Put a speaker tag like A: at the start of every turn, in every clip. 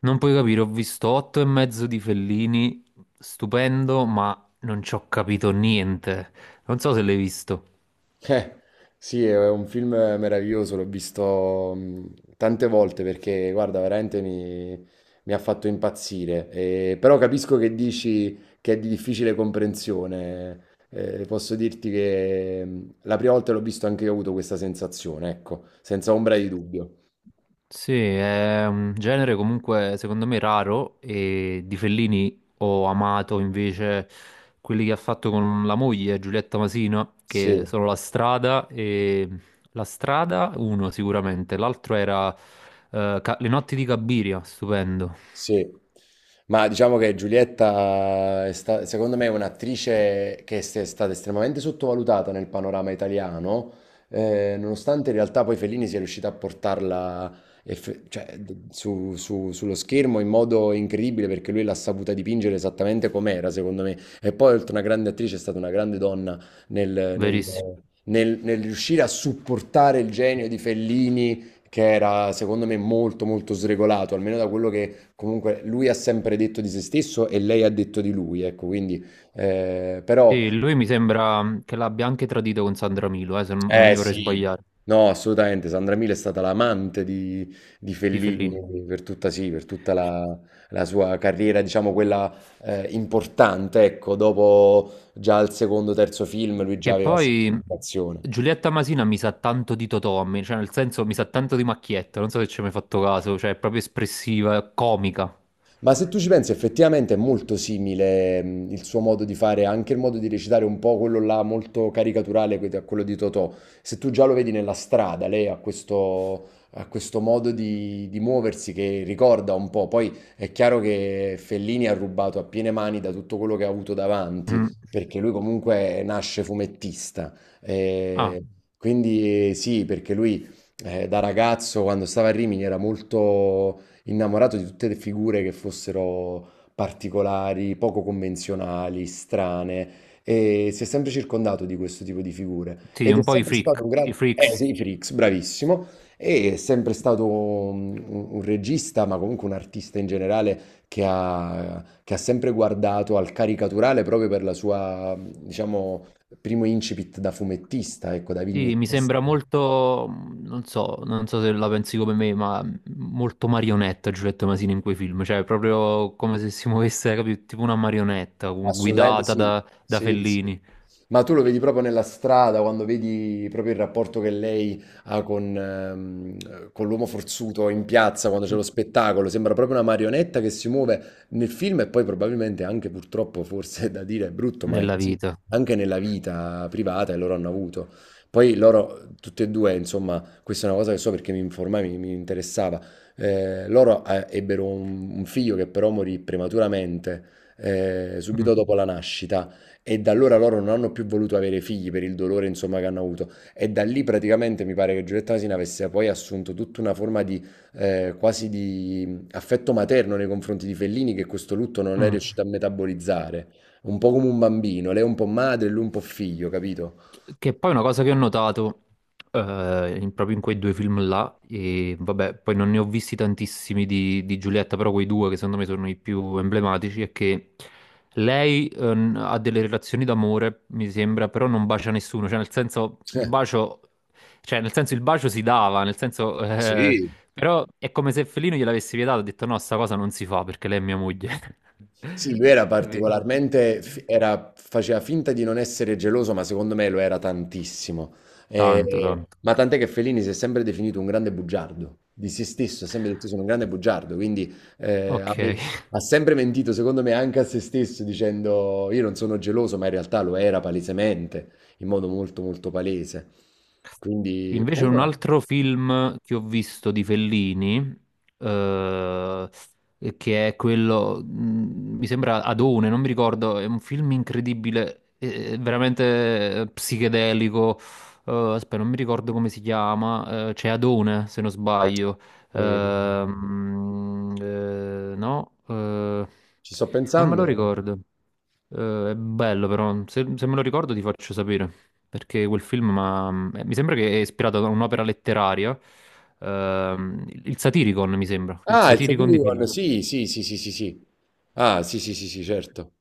A: Non puoi capire, ho visto otto e mezzo di Fellini, stupendo, ma non ci ho capito niente. Non so se l'hai visto.
B: Eh, sì, è un film meraviglioso, l'ho visto tante volte perché, guarda, veramente mi ha fatto impazzire. Però capisco che dici che è di difficile comprensione. Posso dirti che la prima volta l'ho visto anche io, ho avuto questa sensazione, ecco, senza ombra di dubbio.
A: Sì, è un genere comunque secondo me raro e di Fellini ho amato invece quelli che ha fatto con la moglie Giulietta Masino, che
B: Sì.
A: sono La Strada e La Strada uno sicuramente, l'altro era Le notti di Cabiria, stupendo,
B: Sì, ma diciamo che Giulietta secondo me è un'attrice che è stata estremamente sottovalutata nel panorama italiano, nonostante in realtà poi Fellini sia riuscito a portarla cioè, sullo schermo in modo incredibile, perché lui l'ha saputa dipingere esattamente com'era, secondo me. E poi, oltre a una grande attrice, è stata una grande donna nel, nel-
A: verissimo.
B: nel riuscire a supportare il genio di Fellini, che era secondo me molto molto sregolato, almeno da quello che. Comunque lui ha sempre detto di se stesso e lei ha detto di lui, ecco, quindi però
A: Sì, lui mi sembra che l'abbia anche tradito con Sandra Milo, se non mi
B: eh
A: vorrei
B: sì.
A: sbagliare,
B: No, assolutamente, Sandra Milo è stata l'amante di
A: di Fellini.
B: Fellini per tutta, sì, per tutta la sua carriera, diciamo quella importante, ecco, dopo già al secondo, terzo film lui già
A: Che
B: aveva questa
A: poi
B: situazione.
A: Giulietta Masina mi sa tanto di Totò, a me, cioè nel senso mi sa tanto di Macchietta, non so se ci hai mai fatto caso, cioè è proprio espressiva, è comica.
B: Ma se tu ci pensi, effettivamente è molto simile, il suo modo di fare, anche il modo di recitare un po' quello là molto caricaturale, a quello di Totò. Se tu già lo vedi nella strada, lei ha questo modo di muoversi che ricorda un po'. Poi è chiaro che Fellini ha rubato a piene mani da tutto quello che ha avuto davanti,
A: Mm.
B: perché lui comunque nasce fumettista.
A: Ah,
B: Eh, quindi sì, perché lui, da ragazzo, quando stava a Rimini, era molto innamorato di tutte le figure che fossero particolari, poco convenzionali, strane. E si è sempre circondato di questo tipo di figure.
A: sì,
B: Ed è
A: un po' i
B: sempre stato
A: freak,
B: un
A: i
B: grande... Eh
A: freaks.
B: sì, Frix, bravissimo. E è sempre stato un regista, ma comunque un artista in generale, che ha sempre guardato al caricaturale proprio per la sua, diciamo, primo incipit da fumettista, ecco, da
A: Sì, mi
B: vignettista.
A: sembra molto, non so, non so se la pensi come me, ma molto marionetta Giulietta Masini in quei film, cioè è proprio come se si muovesse, capito, tipo una marionetta
B: Assolutamente
A: guidata
B: sì,
A: da, da
B: sì, sì.
A: Fellini
B: Ma tu lo vedi proprio nella strada, quando vedi proprio il rapporto che lei ha con l'uomo forzuto in piazza, quando c'è lo spettacolo, sembra proprio una marionetta che si muove nel film, e poi probabilmente anche, purtroppo, forse è da dire, è brutto, ma è
A: nella
B: così,
A: vita.
B: anche nella vita privata, e loro hanno avuto. Poi loro, tutti e due, insomma, questa è una cosa che so perché mi informai, mi interessava, loro ebbero un figlio, che però morì prematuramente,
A: Mm,
B: subito dopo la nascita, e da allora loro non hanno più voluto avere figli per il dolore, insomma, che hanno avuto, e da lì praticamente mi pare che Giulietta Asina avesse poi assunto tutta una forma di quasi di affetto materno nei confronti di Fellini, che questo lutto non è
A: mm.
B: riuscito a metabolizzare, un po' come un bambino, lei è un po' madre, lui un po' figlio, capito?
A: Che poi è una cosa che ho notato proprio in quei due film là, e vabbè, poi non ne ho visti tantissimi di Giulietta, però quei due che secondo me sono i più emblematici, è che lei ha delle relazioni d'amore, mi sembra, però non bacia nessuno, cioè nel senso il bacio, cioè, nel senso, il bacio si dava, nel senso,
B: Sì,
A: però è come se Fellino gliel'avesse vietato, ha detto no, sta cosa non si fa perché lei è mia moglie.
B: sì, lui era
A: Capito?
B: particolarmente, faceva finta di non essere geloso, ma secondo me lo era tantissimo.
A: Tanto,
B: E-
A: tanto.
B: ma tant'è che Fellini si è sempre definito un grande bugiardo, di se stesso, ha sempre detto sono un grande bugiardo, quindi eh, ha,
A: Ok.
B: me- ha sempre mentito, secondo me, anche a se stesso, dicendo io non sono geloso, ma in realtà lo era palesemente, in modo molto molto palese. Quindi,
A: Invece
B: comunque,
A: un
B: ora,
A: altro film che ho visto di Fellini, eh, che è quello, mi sembra Adone, non mi ricordo, è un film incredibile, veramente psichedelico. Aspetta, non mi ricordo come si chiama, c'è Adone, se non sbaglio.
B: eh,
A: No,
B: ci sto
A: non me
B: pensando.
A: lo ricordo. È bello però, se me lo ricordo ti faccio sapere perché quel film ma, mi sembra che è ispirato da un'opera letteraria, il Satiricon mi sembra, il
B: Ah, il
A: Satiricon di
B: Saturn,
A: Fellini.
B: sì, sì, sì, sì, sì, sì. Ah, sì, sì, sì, sì, certo.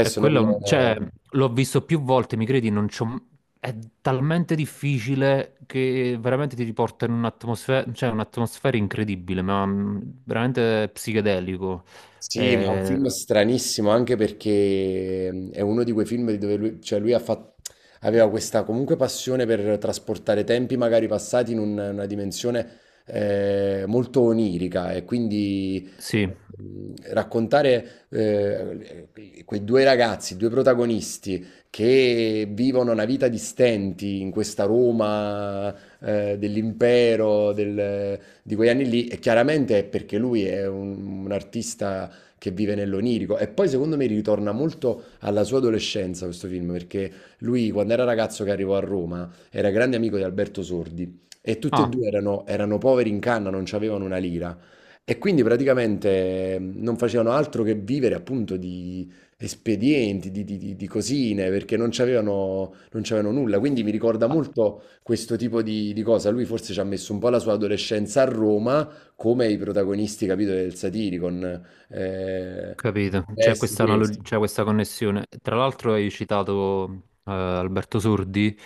A: E
B: non...
A: quello,
B: eh,
A: cioè, l'ho visto più volte, mi credi, non c'ho... è talmente difficile che veramente ti riporta in un'atmosfera, cioè un'atmosfera incredibile, ma veramente psichedelico.
B: Sì ma è un
A: Eh,
B: film stranissimo, anche perché è uno di quei film dove lui, cioè lui ha fatto, aveva questa comunque passione per trasportare tempi magari passati in una dimensione molto onirica, e quindi
A: sì.
B: raccontare quei due ragazzi, due protagonisti che vivono una vita di stenti in questa Roma dell'impero, di quegli anni lì, e chiaramente è perché lui è un artista che vive nell'onirico. E poi secondo me ritorna molto alla sua adolescenza, questo film, perché lui, quando era ragazzo, che arrivò a Roma, era grande amico di Alberto Sordi, e tutti e
A: Ah.
B: due erano, erano poveri in canna, non avevano una lira. E quindi praticamente non facevano altro che vivere appunto di espedienti, di cosine, perché non c'avevano nulla. Quindi mi ricorda molto questo tipo di cosa. Lui forse ci ha messo un po' la sua adolescenza a Roma, come i protagonisti, capito, del Satiricon. Ehm,
A: Capito, c'è
B: vesti questi.
A: c'è questa connessione. Tra l'altro hai citato Alberto Sordi,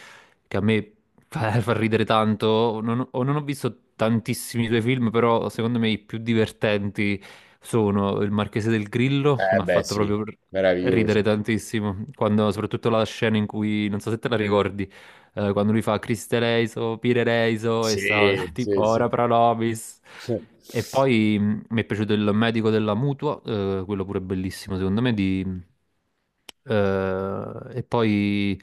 A: che a me fa, fa ridere tanto, non, ho non ho visto tantissimi suoi film, però secondo me i più divertenti sono Il Marchese del Grillo, che
B: Eh
A: mi ha
B: beh
A: fatto
B: sì,
A: ridere
B: meraviglioso.
A: tantissimo, quando, soprattutto la scena in cui, non so se te la ricordi, quando lui fa Criste Reiso, Pire Reiso, e
B: Sì,
A: sta tipo
B: sì, sì.
A: Ora pro nobis. E poi mi è piaciuto il medico della mutua, quello pure bellissimo secondo me. E poi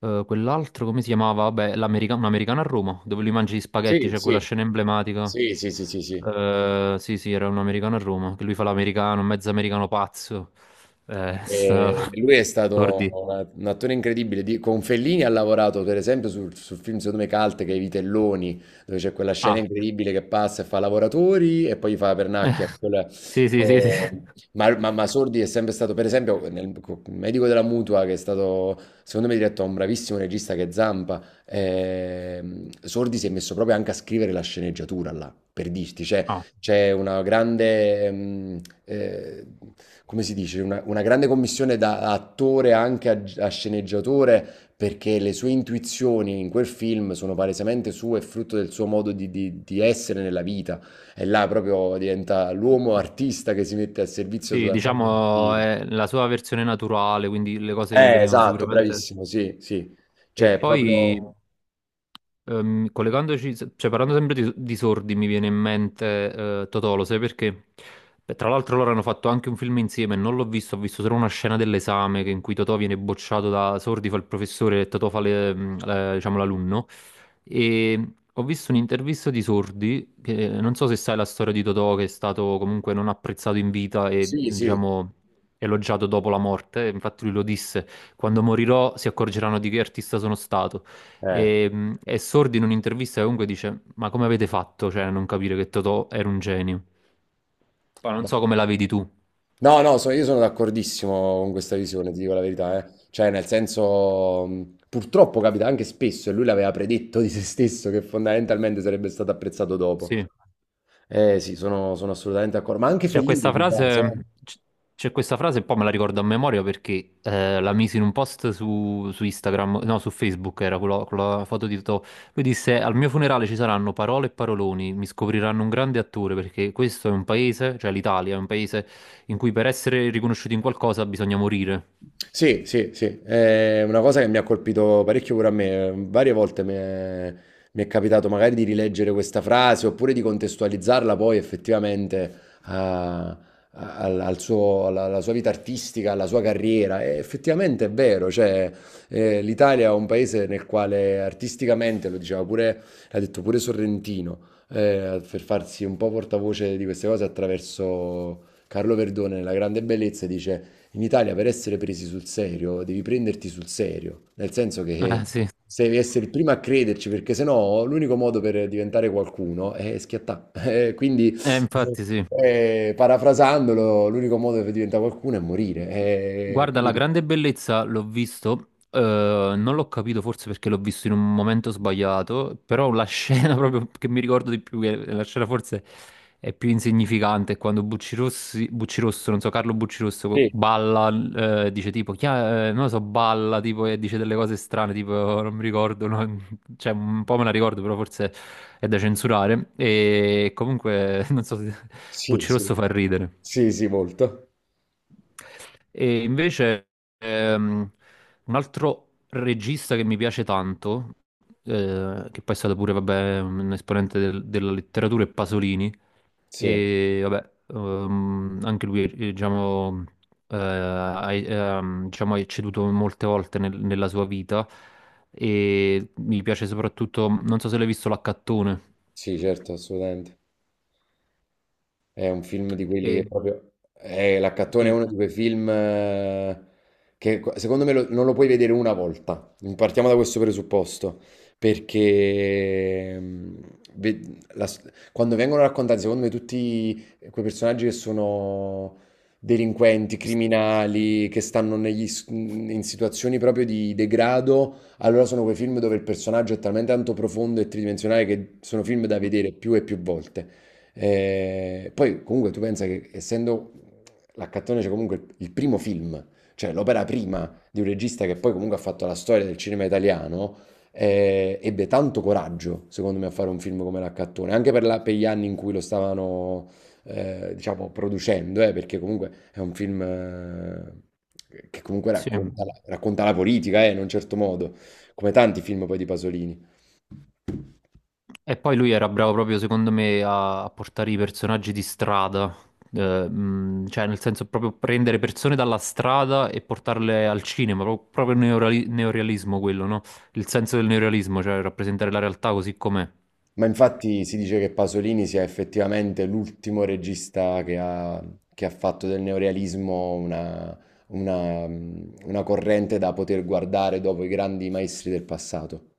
A: quell'altro, come si chiamava? Vabbè, un americano a Roma, dove lui mangia gli spaghetti,
B: Sì,
A: c'è quella
B: sì.
A: scena emblematica.
B: Sì, sì, sì, sì, sì.
A: Sì, sì, era un americano a Roma, che lui fa l'americano, un mezzo americano pazzo. Sta...
B: E lui è stato
A: Tordi.
B: un attore incredibile. Con Fellini ha lavorato, per esempio, sul film, secondo me Calte, che è I Telloni, dove c'è quella scena
A: Ah,
B: incredibile che passa e fa lavoratori e poi gli fa la pernacchia.
A: sì, sì, sì, sì.
B: Eh,
A: sì.
B: ma Sordi è sempre stato, per esempio, Medico della Mutua, che è stato, secondo me, diretto da un bravissimo regista che è Zampa. Ehm, Sordi si è messo proprio anche a scrivere la sceneggiatura là, per dirti, cioè
A: Ah,
B: c'è una grande, come si dice, una grande commissione da attore anche a sceneggiatore, perché le sue intuizioni in quel film sono palesemente sue, e frutto del suo modo di, di essere nella vita. E là proprio diventa l'uomo artista che si mette al servizio
A: sì,
B: totalmente del
A: diciamo
B: film.
A: è la sua versione naturale, quindi le cose gli venivano
B: Esatto,
A: sicuramente...
B: bravissimo, sì, sì.
A: E
B: Cioè,
A: poi,
B: proprio...
A: collegandoci, cioè parlando sempre di sordi, mi viene in mente Totò, lo sai perché? Beh, tra l'altro loro hanno fatto anche un film insieme, non l'ho visto, ho visto solo una scena dell'esame in cui Totò viene bocciato da Sordi, fa il professore e Totò fa le- mm, la- diciamo, l'alunno. E ho visto un'intervista di Sordi, che non so se sai la storia di Totò, che è stato comunque non apprezzato in vita e,
B: Sì, sì.
A: diciamo, elogiato dopo la morte, infatti lui lo disse. Quando morirò si accorgeranno di che artista sono stato.
B: Eh.
A: E Sordi in un'intervista comunque dice: Ma come avete fatto, cioè, a non capire che Totò era un genio? Poi non so come la vedi tu.
B: No, no, io sono d'accordissimo con questa visione, ti dico la verità, eh. Cioè, nel senso, purtroppo capita anche spesso, e lui l'aveva predetto di se stesso, che fondamentalmente sarebbe stato apprezzato dopo.
A: Sì.
B: Eh sì, sono assolutamente d'accordo, ma anche
A: C'è
B: Fellini
A: questa
B: di base, eh.
A: frase, c- c'è questa frase e poi me la ricordo a memoria perché la misi in un post su, su Instagram, no, su Facebook era quella foto di Totò. Lui disse: Al mio funerale ci saranno parole e paroloni, mi scopriranno un grande attore perché questo è un paese, cioè l'Italia, è un paese in cui per essere riconosciuti in qualcosa bisogna morire.
B: Sì, sì, sì, è una cosa che mi ha colpito parecchio pure a me. Varie volte mi è capitato magari di rileggere questa frase, oppure di contestualizzarla poi effettivamente a- alla sua vita artistica, alla sua carriera. E effettivamente è vero, cioè, l'Italia è un paese nel quale, artisticamente, lo diceva pure, l'ha detto pure Sorrentino, per farsi un po' portavoce di queste cose attraverso Carlo Verdone, La grande bellezza, dice... In Italia, per essere presi sul serio devi prenderti sul serio, nel senso che
A: Eh sì,
B: se devi essere il primo a crederci, perché sennò l'unico modo per diventare qualcuno è schiattare. Quindi,
A: infatti sì.
B: parafrasandolo, l'unico modo per diventare qualcuno è morire. Eh,
A: Guarda, la
B: quindi
A: grande bellezza l'ho visto, non l'ho capito forse perché l'ho visto in un momento sbagliato, però la scena proprio che mi ricordo di più, che la scena forse è più insignificante, è quando Bucci Rosso, non so, Carlo Bucci Rosso
B: sì,
A: balla, dice tipo, non lo so, balla tipo e dice delle cose strane, tipo non mi ricordo, no? Cioè un po' me la ricordo, però forse è da censurare e comunque non so, se-
B: sì,
A: Bucci
B: sì,
A: Rosso fa ridere.
B: sì, sì, molto.
A: E invece ehm, un altro regista che mi piace tanto, che poi è stato pure vabbè, un esponente della letteratura, è Pasolini,
B: Sì,
A: e vabbè, anche lui diciamo, ha, diciamo, ha ceduto molte volte nella sua vita e mi piace soprattutto, non so se l'hai visto, L'Accattone.
B: sì, certo, assolutamente. È un film di quelli che
A: Eh,
B: proprio... L'Accattone è
A: sì.
B: uno di quei film, secondo me non lo puoi vedere una volta. Partiamo da questo presupposto, perché ve- la s- quando vengono raccontati, secondo me, tutti quei personaggi che sono delinquenti, criminali, che stanno in situazioni proprio di degrado, allora sono quei film dove il personaggio è talmente tanto profondo e tridimensionale che sono film da vedere più e più volte. Poi comunque tu pensa che, essendo l'Accattone, c'è comunque il primo film, cioè l'opera prima di un regista che poi comunque ha fatto la storia del cinema italiano, ebbe tanto coraggio, secondo me, a fare un film come l'Accattone, anche per, per gli anni in cui lo stavano, diciamo, producendo, perché comunque è un film... Che comunque
A: Sì,
B: racconta la, politica, in un certo modo, come tanti film poi di Pasolini.
A: e poi lui era bravo proprio, secondo me, a, a portare i personaggi di strada. Cioè nel senso proprio prendere persone dalla strada e portarle al cinema, proprio, il neorealismo quello, no? Il senso del neorealismo, cioè rappresentare la realtà così com'è.
B: Ma infatti si dice che Pasolini sia effettivamente l'ultimo regista che ha fatto del neorealismo una, una corrente da poter guardare dopo i grandi maestri del passato.